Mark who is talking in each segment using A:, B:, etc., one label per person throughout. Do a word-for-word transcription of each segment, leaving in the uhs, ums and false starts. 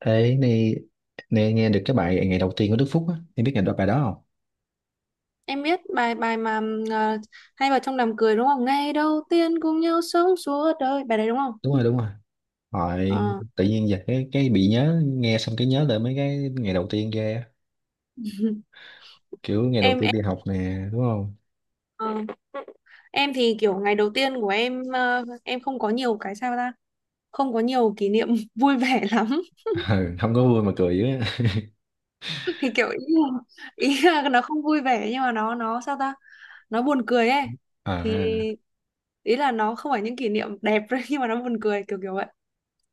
A: Thế này, này nghe được cái bài ngày đầu tiên của Đức Phúc á, em biết ngày đó bài đó không?
B: Em biết bài bài mà ờ, hay vào trong đám cưới đúng không? Ngày đầu tiên cùng nhau sống suốt đời. Bài đấy đúng không?
A: Đúng rồi, đúng rồi. Hỏi
B: Ờ.
A: tự nhiên giờ cái cái bị nhớ nghe xong cái nhớ lại mấy cái ngày đầu tiên kia, kiểu ngày đầu
B: Em
A: tiên
B: em
A: đi học nè, đúng không?
B: ờ, em thì kiểu ngày đầu tiên của em, ờ, em không có nhiều cái sao ta? Không có nhiều kỷ niệm vui vẻ lắm.
A: Ừ, không có vui mà cười dữ á.
B: Thì kiểu ý là, ý là nó không vui vẻ nhưng mà nó nó sao ta? Nó buồn cười ấy. Thì
A: À,
B: ý là nó không phải những kỷ niệm đẹp nhưng mà nó buồn cười kiểu kiểu vậy.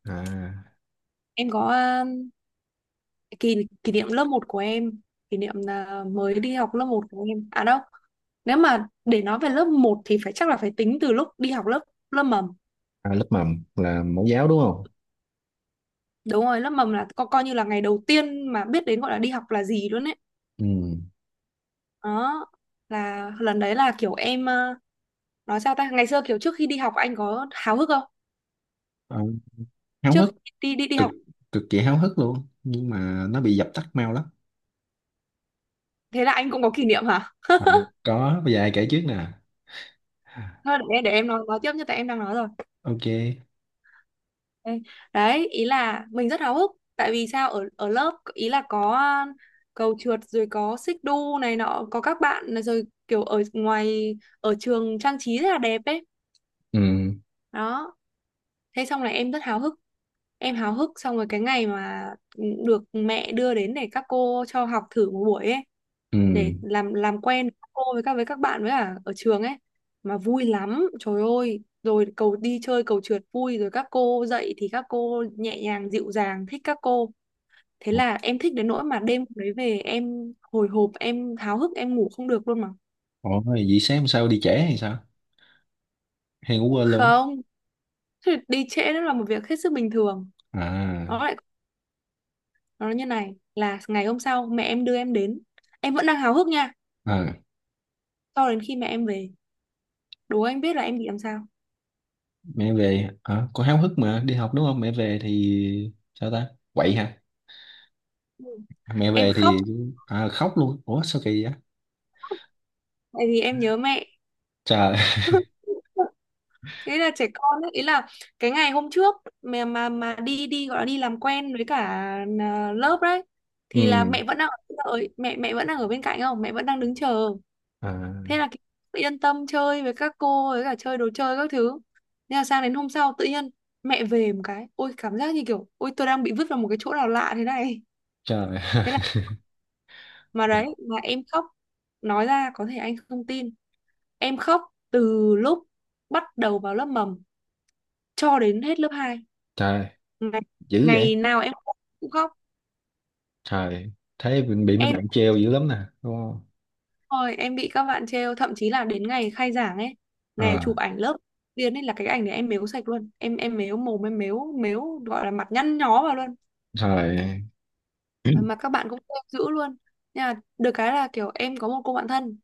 A: à,
B: Em có kỷ kỷ niệm lớp một của em, kỷ niệm là mới đi học lớp một của em à đâu, nếu mà để nói về lớp một thì phải, chắc là phải tính từ lúc đi học lớp lớp mầm.
A: À, lớp mầm là mẫu giáo đúng không?
B: Đúng rồi, lớp mầm là co, coi như là ngày đầu tiên mà biết đến gọi là đi học là gì luôn ấy.
A: Ừ.
B: Đó là lần đấy là kiểu em, ờ, nói sao ta, ngày xưa kiểu trước khi đi học anh có háo hức không,
A: Ờ, háo
B: trước
A: hức,
B: khi đi đi đi
A: cực
B: học?
A: cực kỳ háo hức luôn nhưng mà nó bị dập tắt mau lắm.
B: Thế là anh cũng có kỷ niệm hả?
A: à, có bây giờ ai kể trước nè. À,
B: Thôi để, để em nói nói tiếp như tại em đang nói rồi.
A: ok.
B: Đấy, Đấy, ý là mình rất háo hức, tại vì sao, ở ở lớp ý là có cầu trượt rồi có xích đu này nọ có các bạn, à, rồi kiểu ở ngoài ở trường trang trí rất là đẹp ấy.
A: Ừ,
B: Đó, thế xong là em rất háo hức, em háo hức xong rồi cái ngày mà được mẹ đưa đến để các cô cho học thử một buổi ấy,
A: ừ.
B: để làm làm quen với các cô, với các với các bạn, với cả ở trường ấy. Mà vui lắm trời ơi, rồi cầu đi chơi cầu trượt vui, rồi các cô dạy thì các cô nhẹ nhàng dịu dàng, thích các cô. Thế là em thích đến nỗi mà đêm hôm đấy về em hồi hộp, em háo hức, em ngủ không được luôn mà.
A: Ủa, vậy sáng hôm sau đi trễ hay sao? Hay ngủ quên luôn?
B: Không, thì đi trễ nó là một việc hết sức bình thường.
A: À,
B: Nó lại, nó nói như này là ngày hôm sau mẹ em đưa em đến, em vẫn đang háo hức nha,
A: à,
B: cho đến khi mẹ em về. Đố anh biết là em bị làm sao?
A: mẹ về, à, con háo hức mà, đi học đúng không? Mẹ về thì sao ta? Quậy hả?
B: Ừ.
A: Mẹ
B: Em
A: về
B: khóc,
A: thì à, khóc luôn. Ủa, sao kỳ vậy?
B: tại vì em nhớ mẹ.
A: Trời.
B: Thế là trẻ con ấy, ý là cái ngày hôm trước mà mà mà đi đi gọi là đi làm quen với cả, à, lớp đấy, thì là
A: Ừ,
B: mẹ vẫn đang ở đợi, mẹ mẹ vẫn đang ở bên cạnh không, mẹ vẫn đang đứng chờ.
A: à,
B: Thế là tự yên tâm chơi với các cô với cả chơi đồ chơi các thứ. Nên là sang đến hôm sau tự nhiên mẹ về một cái, ôi cảm giác như kiểu ôi tôi đang bị vứt vào một cái chỗ nào lạ thế này.
A: trời.
B: Thế là, mà đấy mà em khóc. Nói ra có thể anh không tin, em khóc từ lúc bắt đầu vào lớp mầm cho đến hết lớp hai.
A: Trời,
B: ngày,
A: dữ
B: ngày
A: vậy?
B: nào em cũng khóc.
A: Trời, thấy bị, bị mấy
B: Em
A: bạn treo dữ lắm nè, đúng không?
B: rồi em bị các bạn trêu, thậm chí là đến ngày khai giảng ấy, ngày
A: À,
B: chụp ảnh lớp tiên ấy, là cái ảnh này em mếu sạch luôn. Em em mếu mồm, em mếu mếu gọi là mặt nhăn nhó vào luôn.
A: trời.
B: Mà, mà các bạn cũng trêu dữ luôn. Nhưng mà được cái là kiểu em có một cô bạn thân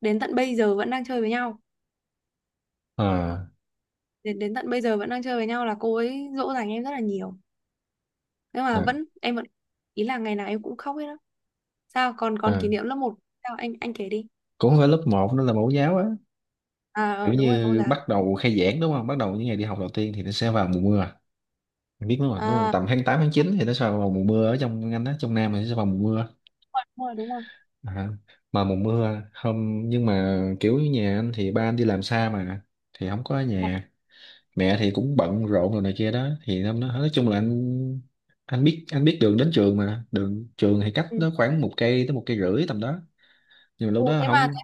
B: đến tận bây giờ vẫn đang chơi với nhau.
A: à,
B: Đến đến tận bây giờ vẫn đang chơi với nhau, là cô ấy dỗ dành em rất là nhiều. Nhưng mà
A: à,
B: vẫn, em vẫn, ý là ngày nào em cũng khóc hết á. Sao còn còn
A: à.
B: kỷ niệm lớp một, sao anh anh kể đi.
A: Cũng không phải lớp một, nó là mẫu giáo á,
B: À ờ,
A: kiểu
B: đúng rồi, mẫu
A: như
B: giáo.
A: bắt đầu khai giảng đúng không? Bắt đầu những ngày đi học đầu tiên thì nó sẽ vào mùa mưa. Mình biết đúng không? Đúng không?
B: À,
A: Tầm tháng tám tháng chín thì nó sẽ vào mùa mưa ở trong anh đó, trong Nam thì nó sẽ vào mùa mưa.
B: đúng rồi, đúng rồi.
A: À, mà mùa mưa không, nhưng mà kiểu như nhà anh thì ba anh đi làm xa mà, thì không có ở
B: Đúng rồi.
A: nhà. Mẹ thì cũng bận rộn rồi này kia đó, thì năm nó nói chung là anh anh biết anh biết đường đến trường, mà đường trường thì cách
B: Ừ.
A: nó khoảng một cây tới một cây rưỡi tầm đó, nhưng mà lúc
B: Ồ,
A: đó
B: thế mà.
A: không.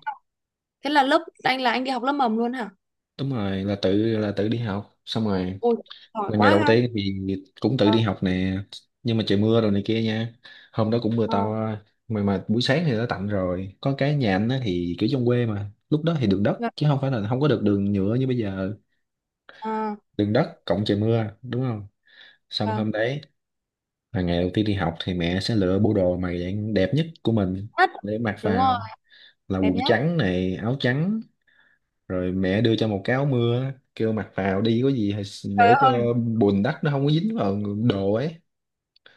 B: Thế là lớp anh là anh đi học lớp mầm luôn hả?
A: Đúng rồi, là tự là tự đi học xong rồi.
B: Ôi, giỏi
A: Là ngày
B: quá
A: đầu
B: ha.
A: tiên thì cũng tự đi học nè, nhưng mà trời mưa rồi này kia nha, hôm đó cũng mưa
B: Ờ,
A: to, mà mà buổi sáng thì đã tạnh rồi. Có cái nhà anh á thì kiểu trong quê mà, lúc đó thì đường đất
B: vâng,
A: chứ không phải là không có được đường nhựa như bây giờ.
B: ờ,
A: Đường đất cộng trời mưa đúng không, xong
B: vâng.
A: hôm đấy là ngày đầu tiên đi học thì mẹ sẽ lựa bộ đồ mà dạng đẹp nhất của mình
B: Nhất.
A: để mặc
B: Đúng rồi,
A: vào, là
B: đẹp
A: quần
B: nhất.
A: trắng này, áo trắng. Rồi mẹ đưa cho một cái áo mưa kêu mặc vào đi, có gì thì
B: Trời
A: để cho
B: ơi,
A: bùn đất nó không có dính vào đồ ấy.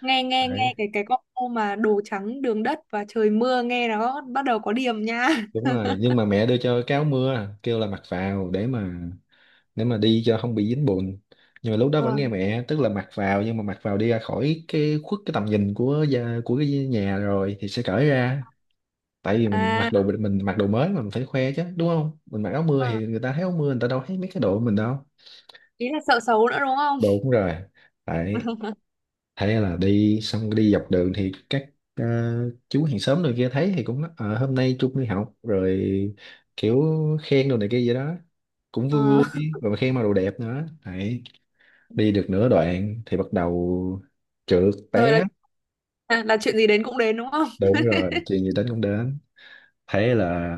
B: nghe nghe
A: Đấy,
B: nghe cái cái combo mà đồ trắng đường đất và trời mưa nghe nó bắt đầu có điểm nha.
A: đúng rồi, nhưng mà mẹ đưa cho cái áo mưa kêu là mặc vào để mà để mà đi cho không bị dính bùn, nhưng mà lúc đó vẫn nghe
B: Vâng.
A: mẹ, tức là mặc vào, nhưng mà mặc vào đi ra khỏi cái khuất cái tầm nhìn của gia- của cái nhà rồi thì sẽ cởi ra. Tại vì mình mặc
B: À,
A: đồ mình mặc đồ mới mà, mình phải khoe chứ đúng không, mình mặc áo mưa
B: ờ,
A: thì người ta thấy áo mưa, người ta đâu thấy mấy cái đồ của mình đâu.
B: ý là sợ xấu nữa đúng không?
A: Đồ cũng rồi đấy. Thế là đi, xong đi dọc đường thì các ờ, chú hàng xóm rồi kia thấy thì cũng nói, "Ờ, hôm nay Trung đi học rồi", kiểu khen đồ này kia vậy đó, cũng vui
B: Ờ,
A: vui, rồi mà khen mặc đồ đẹp nữa đấy. Đi được nửa đoạn thì bắt đầu trượt
B: rồi là,
A: té.
B: à, là chuyện gì đến cũng đến đúng không?
A: Đúng rồi, chuyện gì đến cũng đến. Thế là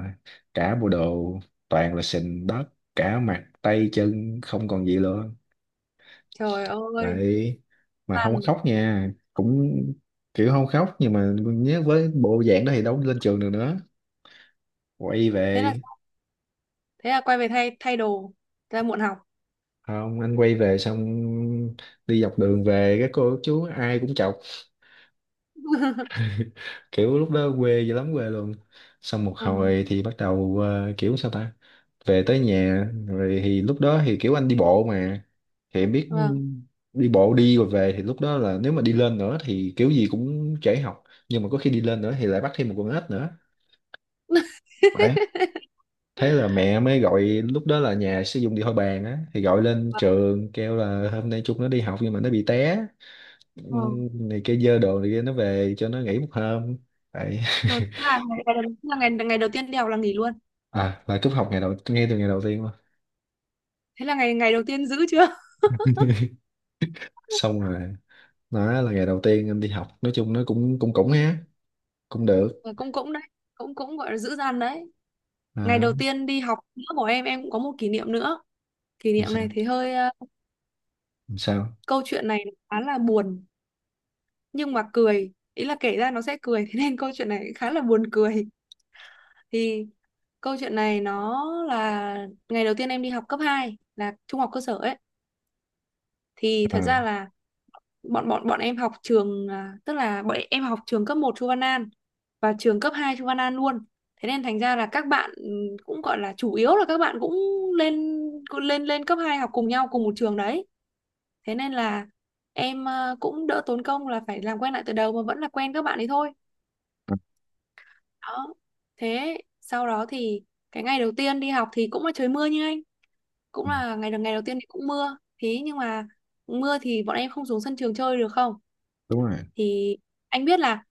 A: cả bộ đồ toàn là sình đất, cả mặt tay chân không còn gì luôn.
B: Trời ơi,
A: Đấy, mà không có
B: lằn.
A: khóc nha, cũng kiểu không khóc, nhưng mà nhớ với bộ dạng đó thì đâu lên trường được nữa, quay
B: Thế là
A: về.
B: thế là quay về thay thay đồ, ra muộn học.
A: Không, anh quay về xong, đi dọc đường về các cô các chú ai cũng chọc. Kiểu lúc đó quê dữ lắm, quê luôn. Xong một
B: Ừ,
A: hồi thì bắt đầu ờ, kiểu sao ta, về tới nhà rồi thì lúc đó thì kiểu anh đi bộ mà thì em biết,
B: vâng.
A: đi bộ đi rồi về thì lúc đó là nếu mà đi lên nữa thì kiểu gì cũng trễ học, nhưng mà có khi đi lên nữa thì lại bắt thêm một con ếch nữa đấy. Thế là mẹ mới gọi, lúc đó là nhà sử dụng điện thoại bàn á, thì gọi lên trường kêu là hôm nay chúng nó đi học nhưng mà nó bị té.
B: Vâng.
A: Ừm, này kia dơ đồ này kia, nó về cho nó nghỉ một hôm vậy.
B: Rồi tức là ngày, ngày, đầu- tức là ngày ngày đầu tiên đi học là nghỉ luôn.
A: À là cúp học ngày đầu, ngay từ ngày đầu tiên luôn.
B: Thế là ngày ngày đầu tiên giữ chưa.
A: Xong rồi, nó là ngày đầu tiên em đi học, nói chung nó cũng cũng cũng ha, cũng được.
B: Ờ, cũng cũng đấy, cũng cũng gọi là giữ gian đấy. Ngày
A: à,
B: đầu tiên đi học nữa của em em cũng có một kỷ niệm nữa. Kỷ
A: làm
B: niệm
A: sao,
B: này thì hơi, ờ,
A: làm sao.
B: câu chuyện này khá là buồn nhưng mà cười, ý là kể ra nó sẽ cười thế nên câu chuyện này khá là buồn cười. Thì câu chuyện này nó là ngày đầu tiên em đi học cấp hai, là trung học cơ sở ấy. Thì thật
A: à,
B: ra là bọn bọn bọn em học trường, à, tức là bọn em học trường cấp một Chu Văn An và trường cấp hai Chu Văn An luôn. Thế nên thành ra là các bạn, ừ, cũng gọi là chủ yếu là các bạn cũng lên cũng lên lên cấp hai học cùng nhau cùng một trường đấy. Thế nên là em, à, cũng đỡ tốn công là phải làm quen lại từ đầu mà vẫn là quen các bạn ấy thôi.
A: à,
B: Đó. Thế sau đó thì cái ngày đầu tiên đi học thì cũng là trời mưa như anh, cũng
A: à,
B: là ngày ngày đầu tiên thì cũng mưa. Thế nhưng mà mưa thì bọn em không xuống sân trường chơi được không?
A: Đúng rồi.
B: Thì anh biết là,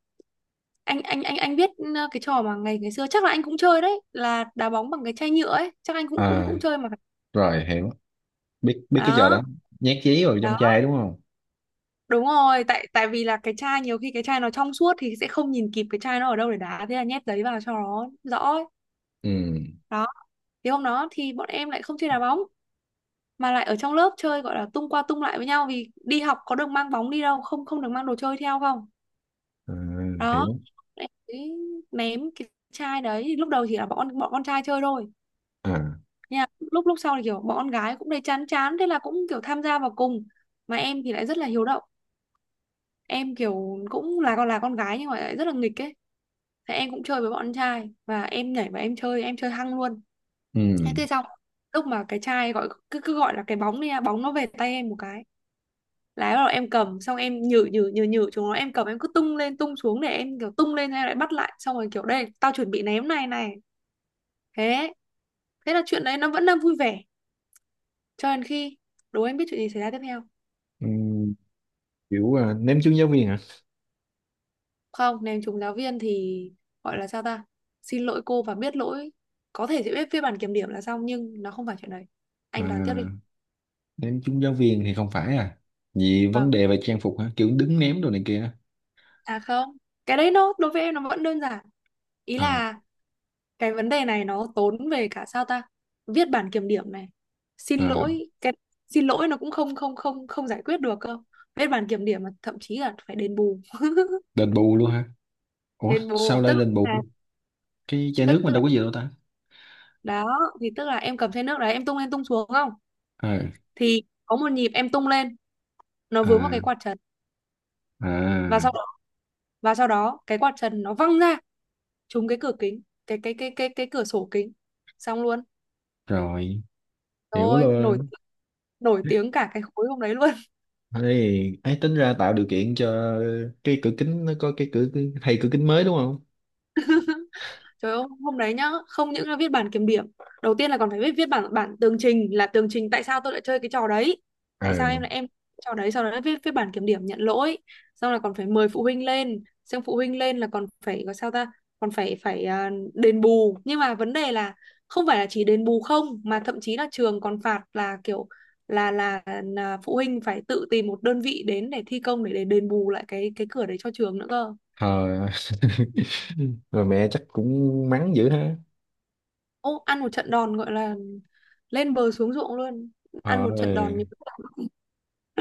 B: anh anh anh anh biết, ờ, cái trò mà ngày ngày xưa chắc là anh cũng chơi đấy là đá bóng bằng cái chai nhựa ấy, chắc anh cũng cũng
A: à
B: cũng chơi mà phải.
A: Rồi, hiểu, biết biết cái trò
B: Đó
A: đó. Nhét giấy vào trong
B: đó
A: chai đúng không.
B: đúng rồi, tại tại vì là cái chai, nhiều khi cái chai nó trong suốt thì sẽ không nhìn kịp cái chai nó ở đâu để đá, thế là nhét giấy vào cho nó rõ ấy.
A: Ừ.
B: Đó, thì hôm đó thì bọn em lại không chơi đá bóng mà lại ở trong lớp chơi, gọi là tung qua tung lại với nhau, vì đi học có được mang bóng đi đâu không, không được mang đồ chơi theo không.
A: à,
B: Đó,
A: Hiểu.
B: em ấy, ném cái chai đấy lúc đầu chỉ là bọn bọn con trai chơi thôi.
A: à
B: Nha, lúc lúc sau thì kiểu bọn con gái cũng thấy chán chán, thế là cũng kiểu tham gia vào cùng. Mà em thì lại rất là hiếu động, em kiểu cũng là con, là con gái nhưng mà lại rất là nghịch ấy. Thế em cũng chơi với bọn trai, và em nhảy và em chơi, em chơi hăng luôn. thế
A: ừ.
B: thế xong lúc mà cái trai gọi, cứ cứ gọi là cái bóng đi nha, bóng nó về tay em một cái, là bắt đầu em cầm, xong em nhử nhử nhử nhử chúng nó, em cầm em cứ tung lên tung xuống, để em kiểu tung lên em lại bắt lại, xong rồi kiểu đây tao chuẩn bị ném này này. Thế thế là chuyện đấy nó vẫn đang vui vẻ, cho đến khi. Đố anh biết chuyện gì xảy ra tiếp theo?
A: Ừm, Kiểu à, ném trúng giáo viên hả?
B: Không, ném trúng giáo viên thì gọi là sao ta, xin lỗi cô và biết lỗi, có thể sẽ viết viết bản kiểm điểm là xong, nhưng nó không phải chuyện đấy.
A: à,
B: Anh đoán tiếp đi.
A: Ném trúng giáo viên thì không phải à vì vấn
B: Vâng,
A: đề về trang phục hả, kiểu đứng ném đồ này kia á?
B: à không, cái đấy nó đối với em nó vẫn đơn giản, ý
A: à,
B: là cái vấn đề này nó tốn về cả sao ta, viết bản kiểm điểm này, xin
A: à
B: lỗi cái, xin lỗi nó cũng không không không không giải quyết được cơ, viết bản kiểm điểm mà thậm chí là phải đền bù.
A: Đền bù luôn hả? Ủa
B: Đền bù
A: sao lại
B: tức
A: đền
B: là,
A: bù? Cái chai
B: tức
A: nước mình
B: tức là,
A: đâu có gì đâu ta?
B: đó thì tức là em cầm chai nước đấy em tung lên tung xuống không,
A: à,
B: thì có một nhịp em tung lên, nó vướng vào cái
A: à,
B: quạt trần, và
A: à
B: sau và sau đó cái quạt trần nó văng ra, trúng cái cửa kính, cái cái cái cái cái cửa sổ kính. Xong luôn.
A: Rồi, hiểu
B: Rồi, nổi
A: luôn.
B: nổi tiếng cả cái khối hôm đấy luôn.
A: Ấy ấy, tính ra tạo điều kiện cho cái cửa kính nó có cái cửa, thay cửa kính mới đúng không.
B: Trời ơi, hôm đấy nhá, không những là viết bản kiểm điểm, đầu tiên là còn phải viết viết bản bản tường trình là tường trình tại sao tôi lại chơi cái trò đấy.
A: Ờ.
B: Tại sao em lại em, trò đấy sau đó lại viết viết bản kiểm điểm nhận lỗi, xong là còn phải mời phụ huynh lên, xong phụ huynh lên là còn phải có sao ta, còn phải phải à, đền bù. Nhưng mà vấn đề là không phải là chỉ đền bù không mà thậm chí là trường còn phạt là kiểu là là, là phụ huynh phải tự tìm một đơn vị đến để thi công, để để đền bù lại cái cái cửa đấy cho trường nữa cơ.
A: Ờ. Rồi mẹ chắc cũng mắng dữ ha.
B: Ô, ăn một trận đòn gọi là lên bờ xuống ruộng luôn.
A: Ờ,
B: Ăn một trận đòn như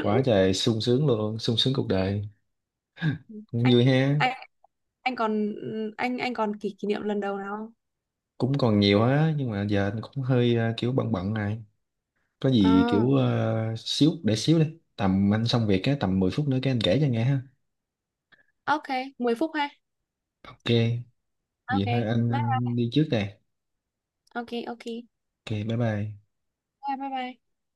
A: quá trời sung sướng luôn, sung sướng cuộc đời,
B: anh
A: vui
B: anh
A: ha.
B: anh còn anh anh còn kỷ kỷ niệm lần đầu nào không?
A: Cũng còn nhiều á nhưng mà giờ anh cũng hơi ờ, kiểu bận bận này, có gì
B: À,
A: kiểu ờ, xíu để xíu đi. Tầm anh xong việc á, tầm mười phút nữa cái anh kể cho nghe ha.
B: ok, mười phút ha.
A: Ok,
B: Ok,
A: vậy thôi anh,
B: bye.
A: anh đi trước đây.
B: Ok, ok.
A: Ok, bye bye.
B: Bye bye bye.